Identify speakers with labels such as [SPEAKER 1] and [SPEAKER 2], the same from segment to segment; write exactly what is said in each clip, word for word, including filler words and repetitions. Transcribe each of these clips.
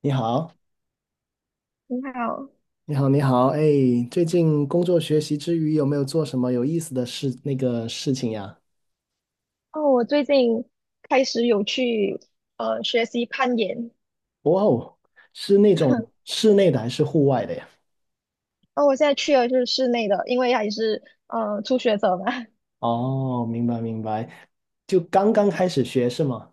[SPEAKER 1] 你好，
[SPEAKER 2] 你好。
[SPEAKER 1] 你好，你好，哎，最近工作学习之余，有没有做什么有意思的事，那个事情呀？
[SPEAKER 2] 哦，我最近开始有去呃学习攀岩。
[SPEAKER 1] 哇哦，是那种 室内的还是户外的呀？
[SPEAKER 2] 哦，我现在去的就是室内的，因为还是呃初学者嘛。
[SPEAKER 1] 哦，明白明白，就刚刚开始学是吗？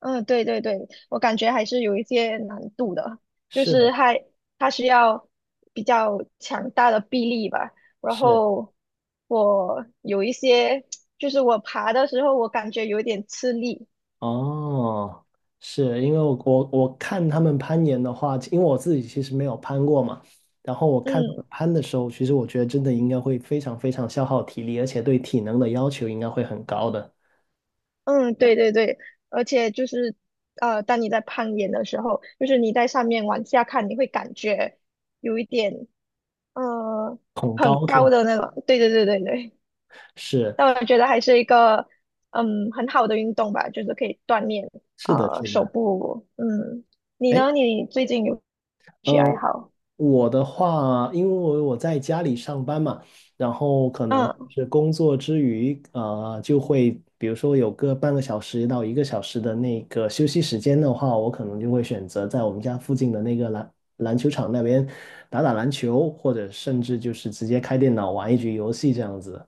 [SPEAKER 2] 嗯，对对对，我感觉还是有一些难度的，就
[SPEAKER 1] 是
[SPEAKER 2] 是
[SPEAKER 1] 的
[SPEAKER 2] 还它需要比较强大的臂力吧。然
[SPEAKER 1] 是，
[SPEAKER 2] 后我有一些 就是我爬的时候我感觉有点吃力。
[SPEAKER 1] 哦，是因为我我我看他们攀岩的话，因为我自己其实没有攀过嘛，然后我看他
[SPEAKER 2] 嗯。
[SPEAKER 1] 们攀的时候，其实我觉得真的应该会非常非常消耗体力，而且对体能的要求应该会很高的，
[SPEAKER 2] 嗯，对对对，而且就是，呃，当你在攀岩的时候，就是你在上面往下看，你会感觉有一点，呃，
[SPEAKER 1] 恐
[SPEAKER 2] 很
[SPEAKER 1] 高是
[SPEAKER 2] 高
[SPEAKER 1] 吗？
[SPEAKER 2] 的那种。对对对对对，
[SPEAKER 1] 是
[SPEAKER 2] 那我觉得还是一个，嗯，很好的运动吧，就是可以锻炼，
[SPEAKER 1] 是的，
[SPEAKER 2] 呃，
[SPEAKER 1] 是
[SPEAKER 2] 手
[SPEAKER 1] 的。
[SPEAKER 2] 部。嗯，你
[SPEAKER 1] 哎，
[SPEAKER 2] 呢？你最近有兴趣爱
[SPEAKER 1] 呃，
[SPEAKER 2] 好？
[SPEAKER 1] 我的话，因为我在家里上班嘛，然后可能
[SPEAKER 2] 嗯，
[SPEAKER 1] 是工作之余，呃，就会比如说有个半个小时到一个小时的那个休息时间的话，我可能就会选择在我们家附近的那个篮篮球场那边打打篮球，或者甚至就是直接开电脑玩一局游戏这样子。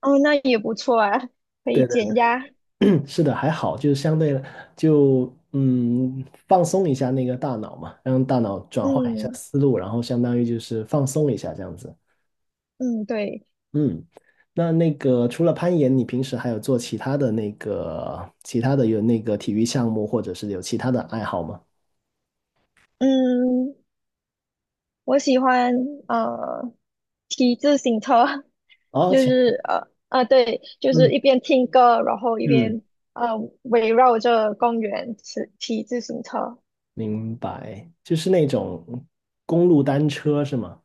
[SPEAKER 2] 哦，那也不错啊，可以
[SPEAKER 1] 对
[SPEAKER 2] 减压。
[SPEAKER 1] 是的，还好，就是相对就嗯放松一下那个大脑嘛，让大脑转换一下
[SPEAKER 2] 嗯
[SPEAKER 1] 思路，然后相当于就是放松一下这样子。
[SPEAKER 2] 嗯，对，
[SPEAKER 1] 嗯，那那个除了攀岩，你平时还有做其他的那个其他的有那个体育项目，或者是有其他的爱好吗？
[SPEAKER 2] 嗯。我喜欢呃骑自行车。
[SPEAKER 1] 哦，
[SPEAKER 2] 就
[SPEAKER 1] 其
[SPEAKER 2] 是呃呃对，就是
[SPEAKER 1] 嗯
[SPEAKER 2] 一边听歌，然后一
[SPEAKER 1] 嗯，
[SPEAKER 2] 边呃围绕着公园骑骑自行车。
[SPEAKER 1] 明白，就是那种公路单车是吗？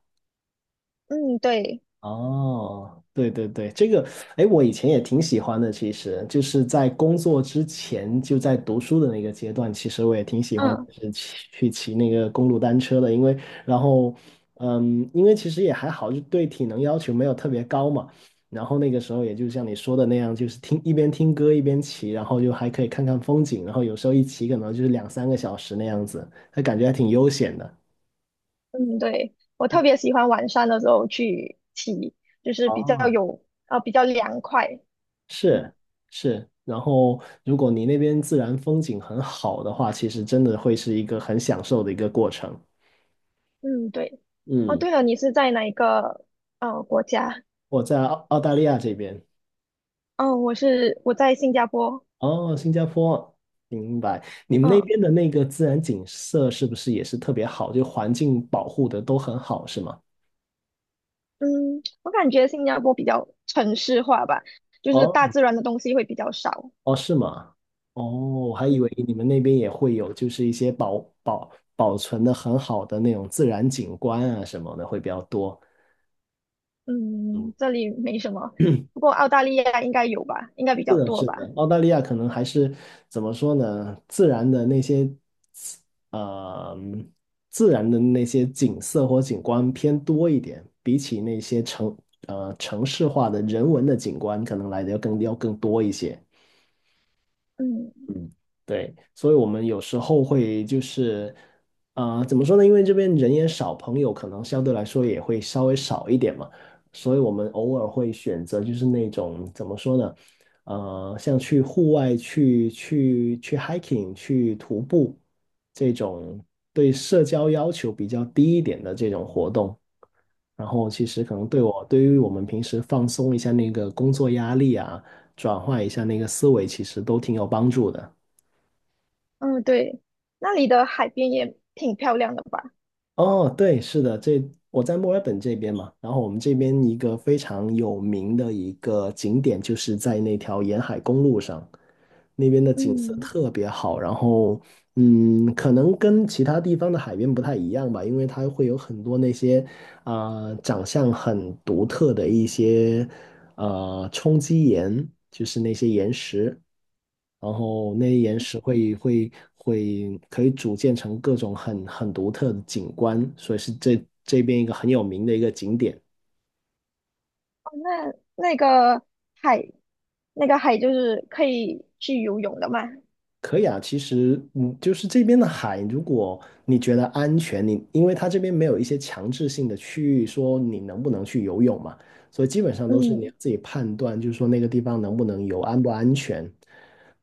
[SPEAKER 2] 嗯，对，
[SPEAKER 1] 哦，对对对，这个，哎，我以前也挺喜欢的。其实就是在工作之前，就在读书的那个阶段，其实我也挺喜欢，就
[SPEAKER 2] 嗯
[SPEAKER 1] 是骑去骑那个公路单车的。因为，然后，嗯，因为其实也还好，就对体能要求没有特别高嘛。然后那个时候，也就像你说的那样，就是听一边听歌一边骑，然后就还可以看看风景，然后有时候一骑可能就是两三个小时那样子，那感觉还挺悠闲的。
[SPEAKER 2] 嗯对，我特别喜欢晚上的时候去骑，就是比较
[SPEAKER 1] 哦，
[SPEAKER 2] 有啊比较凉快。嗯
[SPEAKER 1] 是，是，然后如果你那边自然风景很好的话，其实真的会是一个很享受的一个过程。
[SPEAKER 2] 嗯对。哦
[SPEAKER 1] 嗯，
[SPEAKER 2] 对了，你是在哪一个呃国家？
[SPEAKER 1] 我在澳澳大利亚这边，
[SPEAKER 2] 嗯，我是我在新加坡。
[SPEAKER 1] 哦，新加坡，明白。你们那
[SPEAKER 2] 嗯。
[SPEAKER 1] 边的那个自然景色是不是也是特别好？就环境保护的都很好，是吗？
[SPEAKER 2] 嗯，我感觉新加坡比较城市化吧，就是大
[SPEAKER 1] 哦，
[SPEAKER 2] 自然的东西会比较少。
[SPEAKER 1] 哦，是吗？哦，我还以
[SPEAKER 2] 嗯
[SPEAKER 1] 为你们那边也会有，就是一些保保保存的很好的那种自然景观啊什么的会比较多。嗯
[SPEAKER 2] 嗯，这里没什么，不过澳大利亚应该有吧，应该比
[SPEAKER 1] 是
[SPEAKER 2] 较
[SPEAKER 1] 的，
[SPEAKER 2] 多
[SPEAKER 1] 是
[SPEAKER 2] 吧。
[SPEAKER 1] 的，澳大利亚可能还是怎么说呢？自然的那些，呃，自然的那些景色或景观偏多一点，比起那些城呃城市化的人文的景观，可能来的要更要更多一些。
[SPEAKER 2] 嗯
[SPEAKER 1] 嗯，对，所以我们有时候会就是，呃，怎么说呢？因为这边人也少，朋友可能相对来说也会稍微少一点嘛，所以我们偶尔会选择就是那种怎么说呢？呃，像去户外去去去 hiking 去徒步这种对社交要求比较低一点的这种活动。然后其实可能对我，对于我们平时放松一下那个工作压力啊，转换一下那个思维，其实都挺有帮助的。
[SPEAKER 2] 嗯，对，那里的海边也挺漂亮的吧？
[SPEAKER 1] 哦，对，是的，这，我在墨尔本这边嘛，然后我们这边一个非常有名的一个景点，就是在那条沿海公路上，那边的景色
[SPEAKER 2] 嗯，
[SPEAKER 1] 特别好。然后，嗯，可能跟其他地方的海边不太一样吧，因为它会有很多那些啊、长相很独特的一些呃冲击岩，就是那些岩石，然后那些岩石会会会可以组建成各种很很独特的景观，所以是这这边一个很有名的一个景点。
[SPEAKER 2] 哦，那那个海，那个海就是可以去游泳的嘛？
[SPEAKER 1] 可以啊，其实嗯，就是这边的海，如果你觉得安全，你因为它这边没有一些强制性的区域说你能不能去游泳嘛，所以基本上都是你
[SPEAKER 2] 嗯
[SPEAKER 1] 自己判断，就是说那个地方能不能游，安不安全。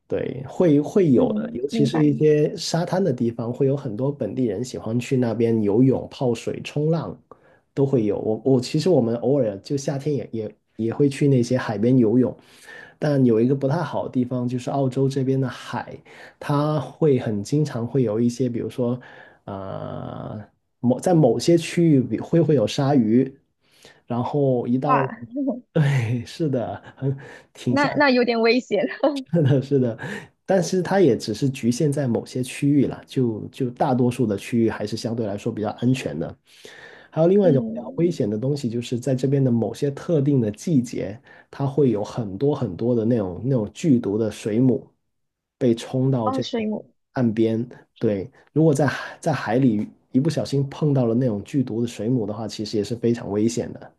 [SPEAKER 1] 对，会会有的，
[SPEAKER 2] 嗯，
[SPEAKER 1] 尤其
[SPEAKER 2] 明
[SPEAKER 1] 是
[SPEAKER 2] 白。
[SPEAKER 1] 一些沙滩的地方，会有很多本地人喜欢去那边游泳、泡水、冲浪，都会有。我我其实我们偶尔就夏天也也也会去那些海边游泳，但有一个不太好的地方，就是澳洲这边的海。它会很经常会有一些，比如说，呃，某在某些区域比会会有鲨鱼，然后一到，
[SPEAKER 2] 哇，
[SPEAKER 1] 对，是的，很，挺吓
[SPEAKER 2] 那那有点危险。
[SPEAKER 1] 是的，是的，但是它也只是局限在某些区域啦，就就大多数的区域还是相对来说比较安全的。还有另 外一种比较危险
[SPEAKER 2] 嗯，
[SPEAKER 1] 的东西，就是在这边的某些特定的季节，它会有很多很多的那种那种剧毒的水母被冲到
[SPEAKER 2] 哦，
[SPEAKER 1] 这
[SPEAKER 2] 水
[SPEAKER 1] 种
[SPEAKER 2] 母。
[SPEAKER 1] 岸边。对，如果在海在海里一不小心碰到了那种剧毒的水母的话，其实也是非常危险的。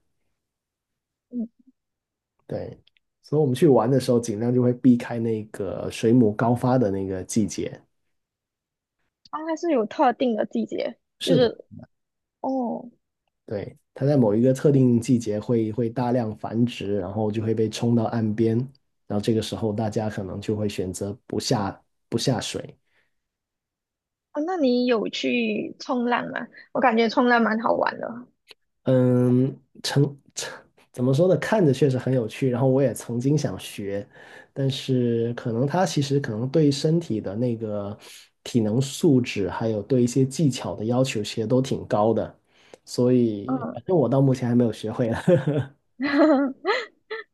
[SPEAKER 2] 嗯
[SPEAKER 1] 对，所以我们去玩的时候，尽量就会避开那个水母高发的那个季节。
[SPEAKER 2] 啊，它是有特定的季节，就
[SPEAKER 1] 是的，
[SPEAKER 2] 是哦
[SPEAKER 1] 对，它在某一个特定季节会会大量繁殖，然后就会被冲到岸边，然后这个时候大家可能就会选择不下不下水。
[SPEAKER 2] 哦，那你有去冲浪吗？我感觉冲浪蛮好玩的，
[SPEAKER 1] 嗯，成，怎么说呢？看着确实很有趣，然后我也曾经想学，但是可能它其实可能对身体的那个体能素质，还有对一些技巧的要求，其实都挺高的，所以
[SPEAKER 2] 嗯，
[SPEAKER 1] 反正我到目前还没有学会了。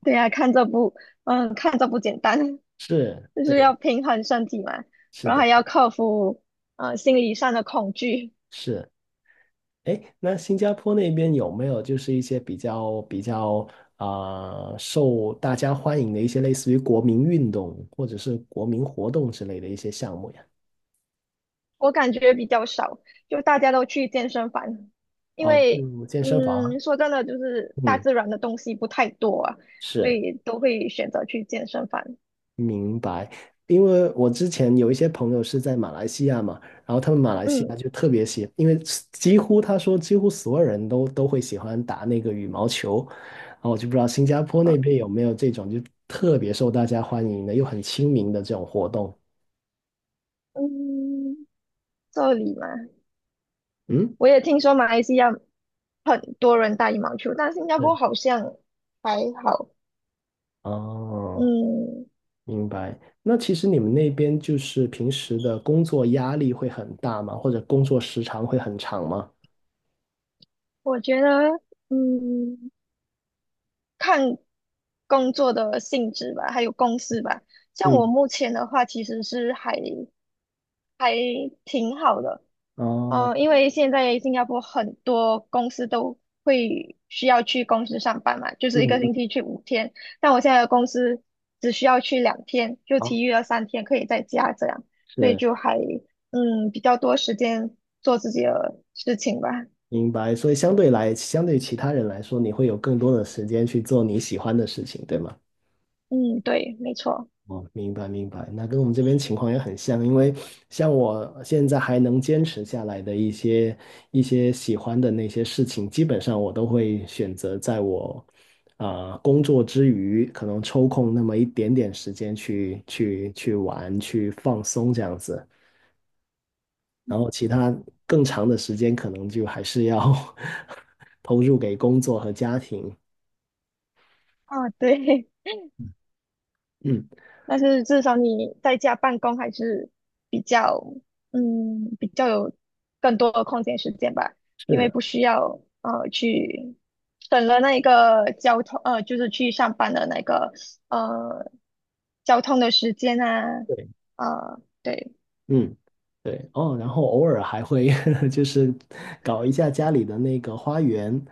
[SPEAKER 2] 对呀，看这不，嗯，看这不简单，
[SPEAKER 1] 是，
[SPEAKER 2] 就是
[SPEAKER 1] 对，
[SPEAKER 2] 要平衡身体嘛，
[SPEAKER 1] 是
[SPEAKER 2] 然后
[SPEAKER 1] 的，
[SPEAKER 2] 还要克服呃心理上的恐惧。
[SPEAKER 1] 是。哎，那新加坡那边有没有就是一些比较比较啊、受大家欢迎的一些类似于国民运动或者是国民活动之类的一些项目呀？
[SPEAKER 2] 我感觉比较少，就大家都去健身房，因
[SPEAKER 1] 啊，
[SPEAKER 2] 为
[SPEAKER 1] 嗯，健身房。
[SPEAKER 2] 嗯，说真的，就是大
[SPEAKER 1] 嗯，
[SPEAKER 2] 自然的东西不太多啊，所
[SPEAKER 1] 是，
[SPEAKER 2] 以都会选择去健身房。
[SPEAKER 1] 明白。因为我之前有一些朋友是在马来西亚嘛，然后他们马来西
[SPEAKER 2] 嗯。
[SPEAKER 1] 亚就特别喜，因为几乎他说几乎所有人都都会喜欢打那个羽毛球，然后我就不知道新加坡那
[SPEAKER 2] 呃
[SPEAKER 1] 边有没有这种就特别受大家欢迎的又很亲民的这种活动。
[SPEAKER 2] 嗯，这里嘛，
[SPEAKER 1] 嗯，
[SPEAKER 2] 我也听说马来西亚很多人打羽毛球，但新加
[SPEAKER 1] 是，
[SPEAKER 2] 坡好像还好。
[SPEAKER 1] 哦，
[SPEAKER 2] 嗯，
[SPEAKER 1] 明白。那其实你们那边就是平时的工作压力会很大吗？或者工作时长会很长吗？
[SPEAKER 2] 我觉得，嗯，看工作的性质吧，还有公司吧。像我
[SPEAKER 1] 嗯，
[SPEAKER 2] 目前的话，其实是还还挺好的。
[SPEAKER 1] 哦，
[SPEAKER 2] 哦，因为现在新加坡很多公司都会需要去公司上班嘛，就
[SPEAKER 1] 嗯，
[SPEAKER 2] 是一个
[SPEAKER 1] 嗯，
[SPEAKER 2] 星期去五天。但我现在的公司只需要去两天，就
[SPEAKER 1] 好，
[SPEAKER 2] 其余的三天可以在家这样，所以
[SPEAKER 1] 是。
[SPEAKER 2] 就还嗯比较多时间做自己的事情吧。
[SPEAKER 1] 明白。所以相对来，相对于其他人来说，你会有更多的时间去做你喜欢的事情，对吗？
[SPEAKER 2] 嗯，对，没错。
[SPEAKER 1] 哦，明白明白。那跟我们这边情况也很像，因为像我现在还能坚持下来的一些一些喜欢的那些事情，基本上我都会选择在我啊、呃工作之余，可能抽空那么一点点时间去去去玩、去放松这样子。然后其他更长的时间，可能就还是要 投入给工作和家庭。
[SPEAKER 2] 啊，对，
[SPEAKER 1] 嗯，
[SPEAKER 2] 但是至少你在家办公还是比较，嗯，比较有更多的空闲时间吧，因
[SPEAKER 1] 是
[SPEAKER 2] 为
[SPEAKER 1] 的，
[SPEAKER 2] 不需要呃去省了那个交通，呃，就是去上班的那个呃交通的时间啊，
[SPEAKER 1] 对，
[SPEAKER 2] 呃，对，
[SPEAKER 1] 嗯，对，哦，然后偶尔还会 就是搞一下家里的那个花园，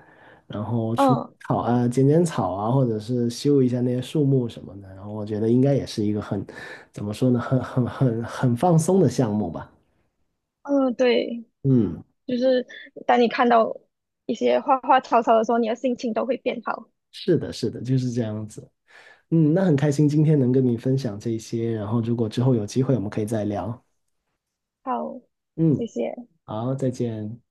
[SPEAKER 1] 然后除
[SPEAKER 2] 嗯
[SPEAKER 1] 草啊、剪剪草啊，或者是修一下那些树木什么的，然后我觉得应该也是一个很，怎么说呢，很很很很放松的项目吧。
[SPEAKER 2] 嗯，对，
[SPEAKER 1] 嗯，
[SPEAKER 2] 就是当你看到一些花花草草的时候，你的心情都会变好。
[SPEAKER 1] 是的，是的，就是这样子。嗯，那很开心今天能跟你分享这些，然后如果之后有机会，我们可以再聊。
[SPEAKER 2] 好，
[SPEAKER 1] 嗯，
[SPEAKER 2] 谢谢。
[SPEAKER 1] 好，再见。